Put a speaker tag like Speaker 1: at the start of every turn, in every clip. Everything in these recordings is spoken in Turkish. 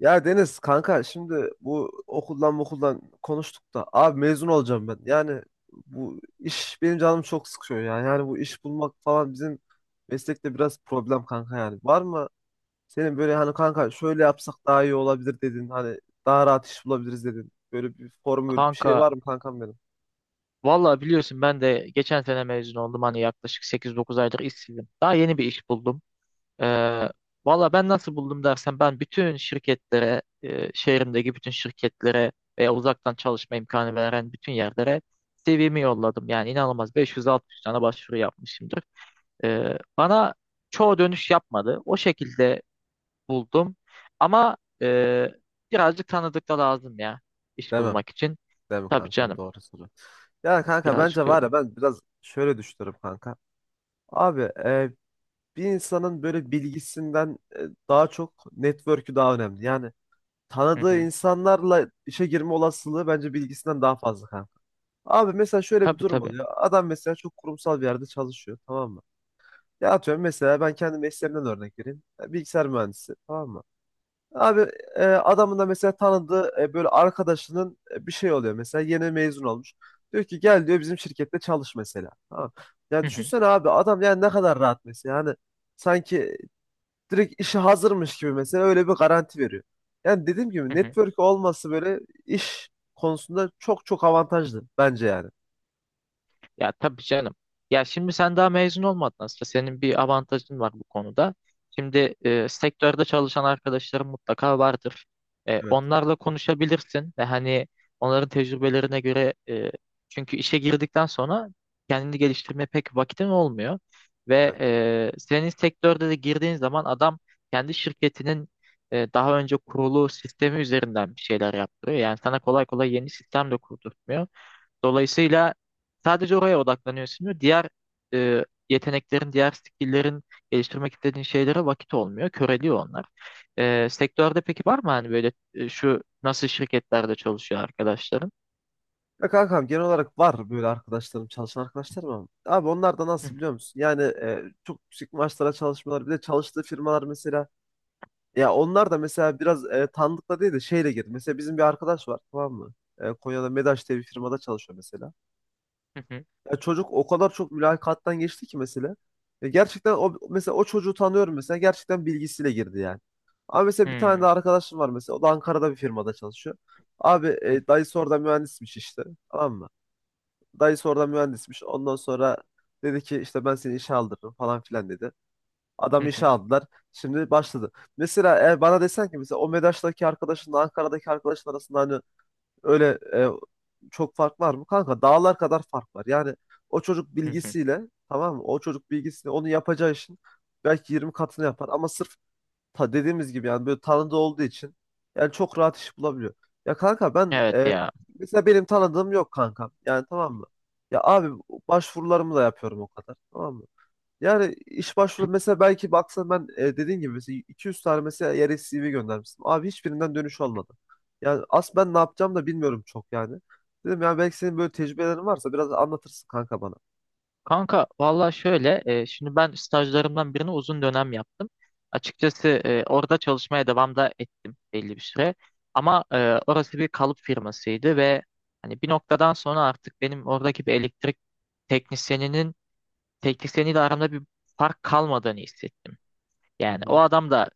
Speaker 1: Ya Deniz kanka şimdi bu okuldan konuştuk da abi mezun olacağım ben. Yani bu iş benim canım çok sıkıyor ya. Yani bu iş bulmak falan bizim meslekte biraz problem kanka yani. Var mı senin böyle hani kanka şöyle yapsak daha iyi olabilir dedin. Hani daha rahat iş bulabiliriz dedin. Böyle bir formül bir
Speaker 2: Kanka
Speaker 1: şey var mı kankam benim?
Speaker 2: vallahi biliyorsun ben de geçen sene mezun oldum hani yaklaşık 8-9 aydır işsizim. Daha yeni bir iş buldum. Ee, Valla ben nasıl buldum dersen ben bütün şirketlere, şehrimdeki bütün şirketlere veya uzaktan çalışma imkanı veren bütün yerlere CV'mi yolladım. Yani inanılmaz 500-600 tane başvuru yapmışımdır. Bana çoğu dönüş yapmadı. O şekilde buldum. Ama e, birazcık tanıdık da lazım ya iş
Speaker 1: Demem.
Speaker 2: bulmak için.
Speaker 1: Deme
Speaker 2: Tabii
Speaker 1: kankam
Speaker 2: canım,
Speaker 1: doğru soru. Ya kanka bence
Speaker 2: birazcık
Speaker 1: var
Speaker 2: öyle.
Speaker 1: ya ben biraz şöyle düşünüyorum kanka. Abi bir insanın böyle bilgisinden daha çok network'ü daha önemli. Yani tanıdığı insanlarla işe girme olasılığı bence bilgisinden daha fazla kanka. Abi mesela şöyle bir
Speaker 2: Tabii,
Speaker 1: durum
Speaker 2: tabii.
Speaker 1: oluyor. Adam mesela çok kurumsal bir yerde çalışıyor, tamam mı? Ya atıyorum mesela ben kendi mesleğimden örnek vereyim. E, bilgisayar mühendisi tamam mı? Abi adamın da mesela tanıdığı böyle arkadaşının bir şey oluyor mesela, yeni mezun olmuş. Diyor ki gel diyor bizim şirkette çalış mesela. Tamam. Ya
Speaker 2: Hı hı,
Speaker 1: düşünsene abi adam yani ne kadar rahat mesela. Yani sanki direkt işi hazırmış gibi mesela, öyle bir garanti veriyor. Yani dediğim gibi
Speaker 2: hı hı.
Speaker 1: network olması böyle iş konusunda çok çok avantajlı bence yani.
Speaker 2: Ya tabii canım. Ya şimdi sen daha mezun olmadın aslında. Senin bir avantajın var bu konuda. Şimdi sektörde çalışan arkadaşların mutlaka vardır.
Speaker 1: Evet,
Speaker 2: Onlarla konuşabilirsin ve hani onların tecrübelerine göre çünkü işe girdikten sonra kendini geliştirmeye pek vakitin olmuyor. Ve
Speaker 1: evet.
Speaker 2: senin sektörde de girdiğin zaman adam kendi şirketinin daha önce kurulu sistemi üzerinden bir şeyler yaptırıyor. Yani sana kolay kolay yeni sistem de kurdurtmuyor. Dolayısıyla sadece oraya odaklanıyorsun, diğer yeteneklerin, diğer skill'lerin geliştirmek istediğin şeylere vakit olmuyor. Köreliyor onlar. Sektörde peki var mı hani böyle şu nasıl şirketlerde çalışıyor arkadaşların?
Speaker 1: Ya kankam genel olarak var böyle arkadaşlarım, çalışan arkadaşlarım, ama abi onlar da nasıl biliyor musun? Yani çok yüksek maaşlara çalışmalar, bir de çalıştığı firmalar mesela ya onlar da mesela biraz tanıdıkla değil de şeyle girdi. Mesela bizim bir arkadaş var tamam mı? E, Konya'da Medaş diye bir firmada çalışıyor mesela. Ya çocuk o kadar çok mülakattan geçti ki mesela. Ya gerçekten o mesela, o çocuğu tanıyorum mesela, gerçekten bilgisiyle girdi yani. Ama mesela bir tane de
Speaker 2: Hmm.
Speaker 1: arkadaşım var mesela. O da Ankara'da bir firmada çalışıyor. Abi dayısı orada mühendismiş işte. Tamam mı? Dayısı orada mühendismiş. Ondan sonra dedi ki işte ben seni işe aldırırım falan filan dedi. Adam işe aldılar. Şimdi başladı. Mesela eğer bana desen ki mesela o Medaş'taki arkadaşınla Ankara'daki arkadaşın arasında hani öyle çok fark var mı? Kanka dağlar kadar fark var. Yani o çocuk bilgisiyle tamam mı? O çocuk bilgisiyle onu yapacağı işin belki 20 katını yapar. Ama sırf ta dediğimiz gibi yani böyle tanıdığı olduğu için yani çok rahat iş bulabiliyor. Ya kanka ben
Speaker 2: Evet ya.
Speaker 1: mesela benim tanıdığım yok kanka. Yani tamam mı? Ya abi başvurularımı da yapıyorum o kadar. Tamam mı? Yani iş başvuru mesela belki baksan ben dediğin gibi mesela 200 tane mesela yere CV göndermiştim. Abi hiçbirinden dönüş olmadı. Yani aslında ben ne yapacağım da bilmiyorum çok yani. Dedim ya belki senin böyle tecrübelerin varsa biraz anlatırsın kanka bana.
Speaker 2: Kanka valla şöyle, şimdi ben stajlarımdan birini uzun dönem yaptım. Açıkçası, orada çalışmaya devam da ettim belli bir süre. Ama orası bir kalıp firmasıydı ve hani bir noktadan sonra artık benim oradaki bir elektrik teknisyeninin teknisyeniyle aramda bir fark kalmadığını hissettim.
Speaker 1: Hı
Speaker 2: Yani o
Speaker 1: hı.
Speaker 2: adam da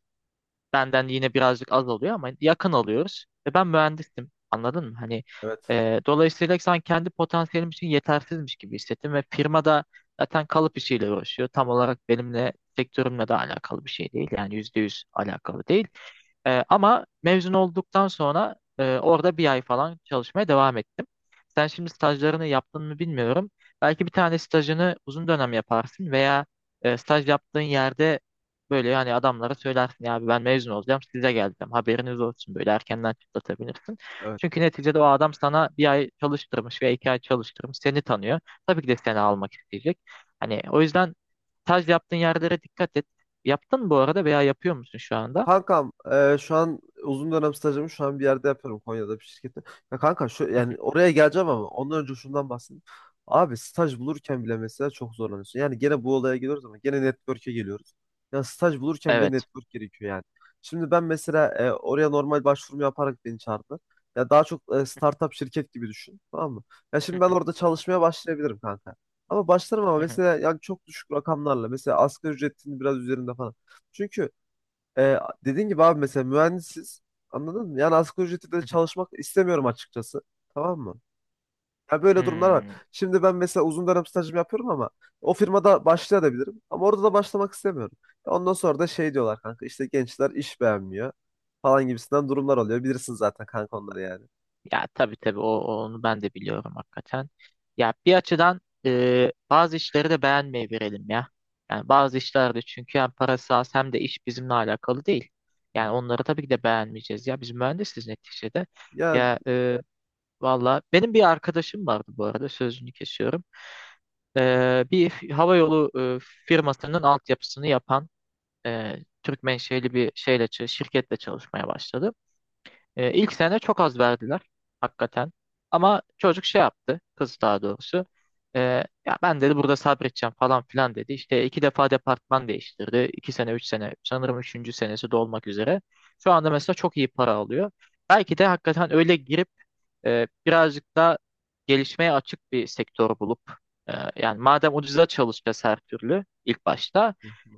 Speaker 2: benden yine birazcık az alıyor ama yakın alıyoruz. Ve ben mühendisim. Anladın mı? Hani,
Speaker 1: Evet.
Speaker 2: dolayısıyla sanki kendi potansiyelim için yetersizmiş gibi hissettim ve firma da zaten kalıp işiyle uğraşıyor. Tam olarak benimle sektörümle de alakalı bir şey değil. Yani %100 alakalı değil. Ama mezun olduktan sonra orada bir ay falan çalışmaya devam ettim. Sen şimdi stajlarını yaptın mı bilmiyorum. Belki bir tane stajını uzun dönem yaparsın veya staj yaptığın yerde böyle hani adamlara söylersin ya abi ben mezun olacağım size geleceğim haberiniz olsun, böyle erkenden çıtlatabilirsin.
Speaker 1: Evet.
Speaker 2: Çünkü neticede o adam sana bir ay çalıştırmış veya 2 ay çalıştırmış, seni tanıyor. Tabii ki de seni almak isteyecek. Hani o yüzden staj yaptığın yerlere dikkat et. Yaptın mı bu arada veya yapıyor musun şu anda?
Speaker 1: Kankam şu an uzun dönem stajımı şu an bir yerde yapıyorum, Konya'da bir şirkette. Ya kanka şu yani oraya geleceğim ama ondan önce şundan bahsedeyim. Abi staj bulurken bile mesela çok zorlanıyorsun. Yani gene bu olaya geliyoruz ama gene network'e geliyoruz. Ya staj bulurken bile
Speaker 2: Evet.
Speaker 1: network gerekiyor yani. Şimdi ben mesela oraya normal başvurumu yaparak beni çağırdılar. Ya daha çok startup şirket gibi düşün. Tamam mı? Ya şimdi
Speaker 2: Hı
Speaker 1: ben
Speaker 2: hı,
Speaker 1: orada çalışmaya başlayabilirim kanka. Ama başlarım ama
Speaker 2: hı hı,
Speaker 1: mesela yani çok düşük rakamlarla. Mesela asgari ücretin biraz üzerinde falan. Çünkü ee, dediğin gibi abi mesela mühendisiz, anladın mı? Yani asgari ücretle de
Speaker 2: hı hı.
Speaker 1: çalışmak istemiyorum açıkçası. Tamam mı? Ya böyle durumlar var.
Speaker 2: Hmm.
Speaker 1: Şimdi ben mesela uzun dönem stajımı yapıyorum ama o firmada başlayabilirim. Ama orada da başlamak istemiyorum. Ya ondan sonra da şey diyorlar kanka işte gençler iş beğenmiyor falan gibisinden durumlar oluyor. Bilirsin zaten kanka onları yani.
Speaker 2: Ya tabii tabii onu ben de biliyorum hakikaten. Ya bir açıdan, bazı işleri de beğenmeyebilirim ya. Yani bazı işlerde çünkü hem parası az hem de iş bizimle alakalı değil. Yani onları tabii ki de beğenmeyeceğiz ya. Biz mühendisiz neticede.
Speaker 1: Ya
Speaker 2: Ya, valla benim bir arkadaşım vardı, bu arada sözünü kesiyorum. Bir havayolu e, firmasının altyapısını yapan e, Türk menşeli bir şirketle çalışmaya başladı. İlk sene çok az verdiler hakikaten. Ama çocuk şey yaptı, kız daha doğrusu. E, Ya ben dedi burada sabredeceğim falan filan dedi. İşte 2 defa departman değiştirdi. 2 sene, 3 sene, sanırım üçüncü senesi dolmak üzere. Şu anda mesela çok iyi para alıyor. Belki de hakikaten öyle girip birazcık da gelişmeye açık bir sektör bulup yani madem ucuza çalışacağız her türlü ilk başta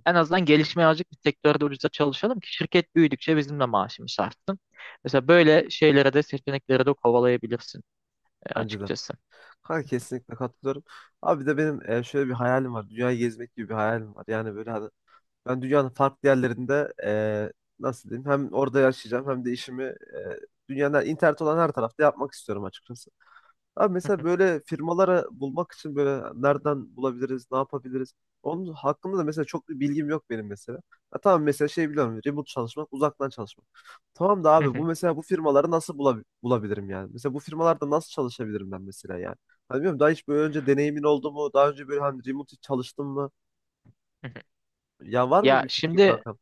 Speaker 2: en azından gelişmeye açık bir sektörde ucuza çalışalım ki şirket büyüdükçe bizim de maaşımız artsın. Mesela böyle şeylere de, seçeneklere de kovalayabilirsin,
Speaker 1: bence de.
Speaker 2: açıkçası.
Speaker 1: Kanka kesinlikle katılıyorum. Abi bir de benim şöyle bir hayalim var. Dünyayı gezmek gibi bir hayalim var. Yani böyle ben dünyanın farklı yerlerinde nasıl diyeyim, hem orada yaşayacağım hem de işimi dünyanın internet olan her tarafta yapmak istiyorum açıkçası. Abi
Speaker 2: Hı
Speaker 1: mesela
Speaker 2: hı,
Speaker 1: böyle firmaları bulmak için böyle nereden bulabiliriz, ne yapabiliriz? Onun hakkında da mesela çok bir bilgim yok benim mesela. Ha, tamam mesela şey biliyorum, remote çalışmak, uzaktan çalışmak. Tamam da
Speaker 2: hı
Speaker 1: abi bu
Speaker 2: hı,
Speaker 1: mesela bu firmaları nasıl bulabilirim yani? Mesela bu firmalarda nasıl çalışabilirim ben mesela yani? Hani bilmiyorum, daha hiç böyle önce deneyimin oldu mu? Daha önce böyle hani remote çalıştın mı?
Speaker 2: hı hı.
Speaker 1: Ya var mı
Speaker 2: Ya
Speaker 1: bir fikri
Speaker 2: şimdi,
Speaker 1: kankam?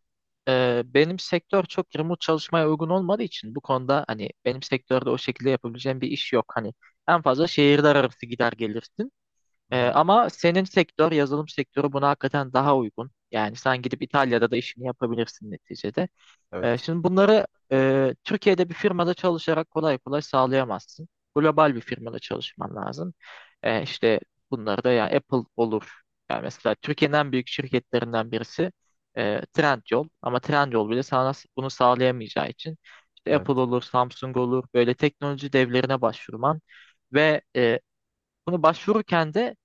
Speaker 2: benim sektör çok remote çalışmaya uygun olmadığı için bu konuda hani benim sektörde o şekilde yapabileceğim bir iş yok. Hani en fazla şehirler arası gider gelirsin.
Speaker 1: Hı hı.
Speaker 2: Ama senin sektör, yazılım sektörü buna hakikaten daha uygun. Yani sen gidip İtalya'da da işini yapabilirsin neticede.
Speaker 1: Evet.
Speaker 2: Şimdi bunları, Türkiye'de bir firmada çalışarak kolay kolay sağlayamazsın. Global bir firmada çalışman lazım. İşte bunları da yani Apple olur. Yani mesela Türkiye'nin en büyük şirketlerinden birisi, Trendyol. Ama Trendyol bile sana bunu sağlayamayacağı için işte
Speaker 1: Evet.
Speaker 2: Apple olur, Samsung olur. Böyle teknoloji devlerine başvurman ve bunu başvururken de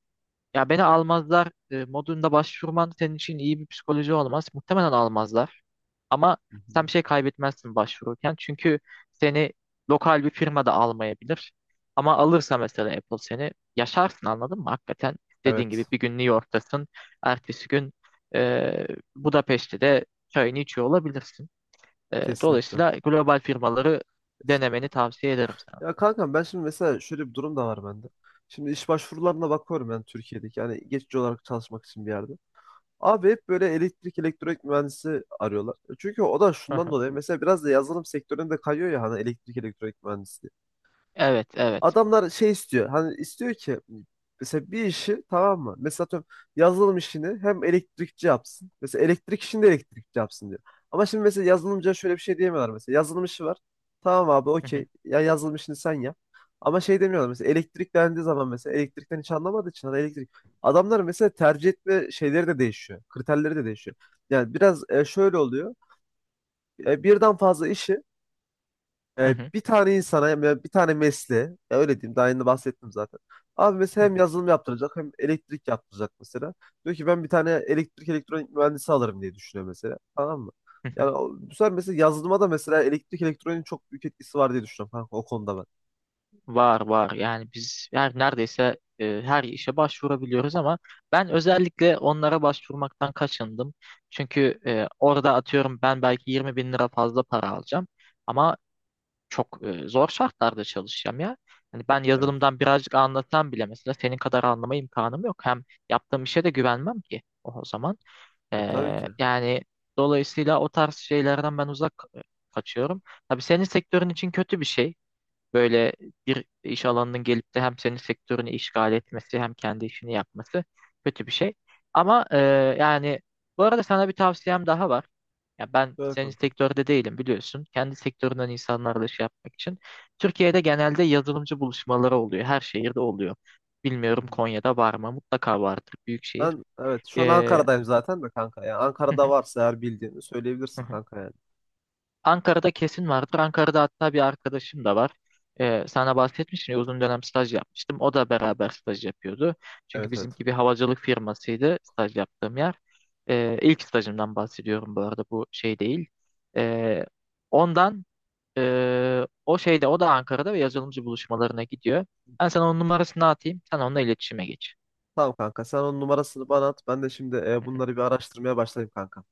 Speaker 2: ya beni almazlar, modunda başvurman senin için iyi bir psikoloji olmaz. Muhtemelen almazlar. Ama
Speaker 1: Hı hı.
Speaker 2: sen bir şey kaybetmezsin başvururken. Çünkü seni lokal bir firma da almayabilir. Ama alırsa mesela Apple, seni yaşarsın anladın mı? Hakikaten dediğin gibi
Speaker 1: Evet.
Speaker 2: bir gün New York'tasın. Ertesi gün, e, Budapeşte'de çayını içiyor olabilirsin.
Speaker 1: Kesinlikle.
Speaker 2: Dolayısıyla global firmaları denemeni
Speaker 1: Kesinlikle.
Speaker 2: tavsiye ederim sana.
Speaker 1: Ya kankam ben şimdi mesela şöyle bir durum da var bende. Şimdi iş başvurularına bakıyorum ben, Türkiye'deki. Yani geçici olarak çalışmak için bir yerde. Abi hep böyle elektrik elektronik mühendisi arıyorlar. E, çünkü o da
Speaker 2: Hı
Speaker 1: şundan
Speaker 2: hı.
Speaker 1: dolayı mesela biraz da yazılım sektöründe kayıyor ya hani elektrik elektronik mühendisi.
Speaker 2: Evet, evet.
Speaker 1: Adamlar şey istiyor. Hani istiyor ki mesela bir işi, tamam mı? Mesela atıyorum yazılım işini hem elektrikçi yapsın. Mesela elektrik işini de elektrikçi yapsın diyor. Ama şimdi mesela yazılımcıya şöyle bir şey diyemiyorlar mesela. Yazılım işi var. Tamam abi
Speaker 2: Hı hı,
Speaker 1: okey. Ya yazılım işini sen yap. Ama şey demiyorlar mesela elektrik dendiği zaman mesela elektrikten hiç anlamadığı için hani elektrik. Adamlar mesela tercih etme şeyleri de değişiyor. Kriterleri de değişiyor. Yani biraz şöyle oluyor. E, birden fazla işi
Speaker 2: hı hı,
Speaker 1: bir tane insana ya bir tane mesleğe ya öyle diyeyim, daha yeni bahsettim zaten. Abi
Speaker 2: hı
Speaker 1: mesela hem
Speaker 2: hı,
Speaker 1: yazılım yaptıracak hem elektrik yaptıracak mesela. Diyor ki ben bir tane elektrik elektronik mühendisi alırım diye düşünüyor mesela. Tamam mı?
Speaker 2: hı
Speaker 1: Yani
Speaker 2: hı.
Speaker 1: o- bu sefer mesela yazılıma da mesela elektrik elektroniğin çok büyük etkisi var diye düşünüyorum kanka o konuda ben.
Speaker 2: Var var, yani biz her neredeyse her işe başvurabiliyoruz ama ben özellikle onlara başvurmaktan kaçındım. Çünkü orada atıyorum ben belki 20 bin lira fazla para alacağım ama çok zor şartlarda çalışacağım ya. Hani ben
Speaker 1: Evet.
Speaker 2: yazılımdan birazcık anlasam bile mesela senin kadar anlama imkanım yok. Hem yaptığım işe de güvenmem ki o zaman.
Speaker 1: E, tabii ki.
Speaker 2: Yani dolayısıyla o tarz şeylerden ben uzak, kaçıyorum. Tabii senin sektörün için kötü bir şey. Böyle bir iş alanının gelip de hem senin sektörünü işgal etmesi hem kendi işini yapması kötü bir şey. Ama yani bu arada sana bir tavsiyem daha var. Ya ben
Speaker 1: Böyle
Speaker 2: senin
Speaker 1: kanka.
Speaker 2: sektörde değilim biliyorsun. Kendi sektöründen insanlarla şey yapmak için. Türkiye'de genelde yazılımcı buluşmaları oluyor. Her şehirde oluyor.
Speaker 1: Hı
Speaker 2: Bilmiyorum
Speaker 1: hı.
Speaker 2: Konya'da var mı? Mutlaka vardır. Büyük şehir.
Speaker 1: Ben, evet, şu an
Speaker 2: E,
Speaker 1: Ankara'dayım zaten de kanka. Yani Ankara'da varsa eğer bildiğini söyleyebilirsin kanka yani.
Speaker 2: Ankara'da kesin vardır. Ankara'da hatta bir arkadaşım da var. Sana bahsetmiştim ya uzun dönem staj yapmıştım. O da beraber staj yapıyordu. Çünkü
Speaker 1: Evet evet.
Speaker 2: bizimki bir havacılık firmasıydı, staj yaptığım yer. İlk stajımdan bahsediyorum bu arada, bu şey değil. Ee, Ondan o şeyde o da Ankara'da ve yazılımcı buluşmalarına gidiyor. Ben sana onun numarasını atayım. Sen onunla iletişime geç.
Speaker 1: Tamam kanka sen onun numarasını bana at. Ben de şimdi bunları bir araştırmaya başlayayım kanka.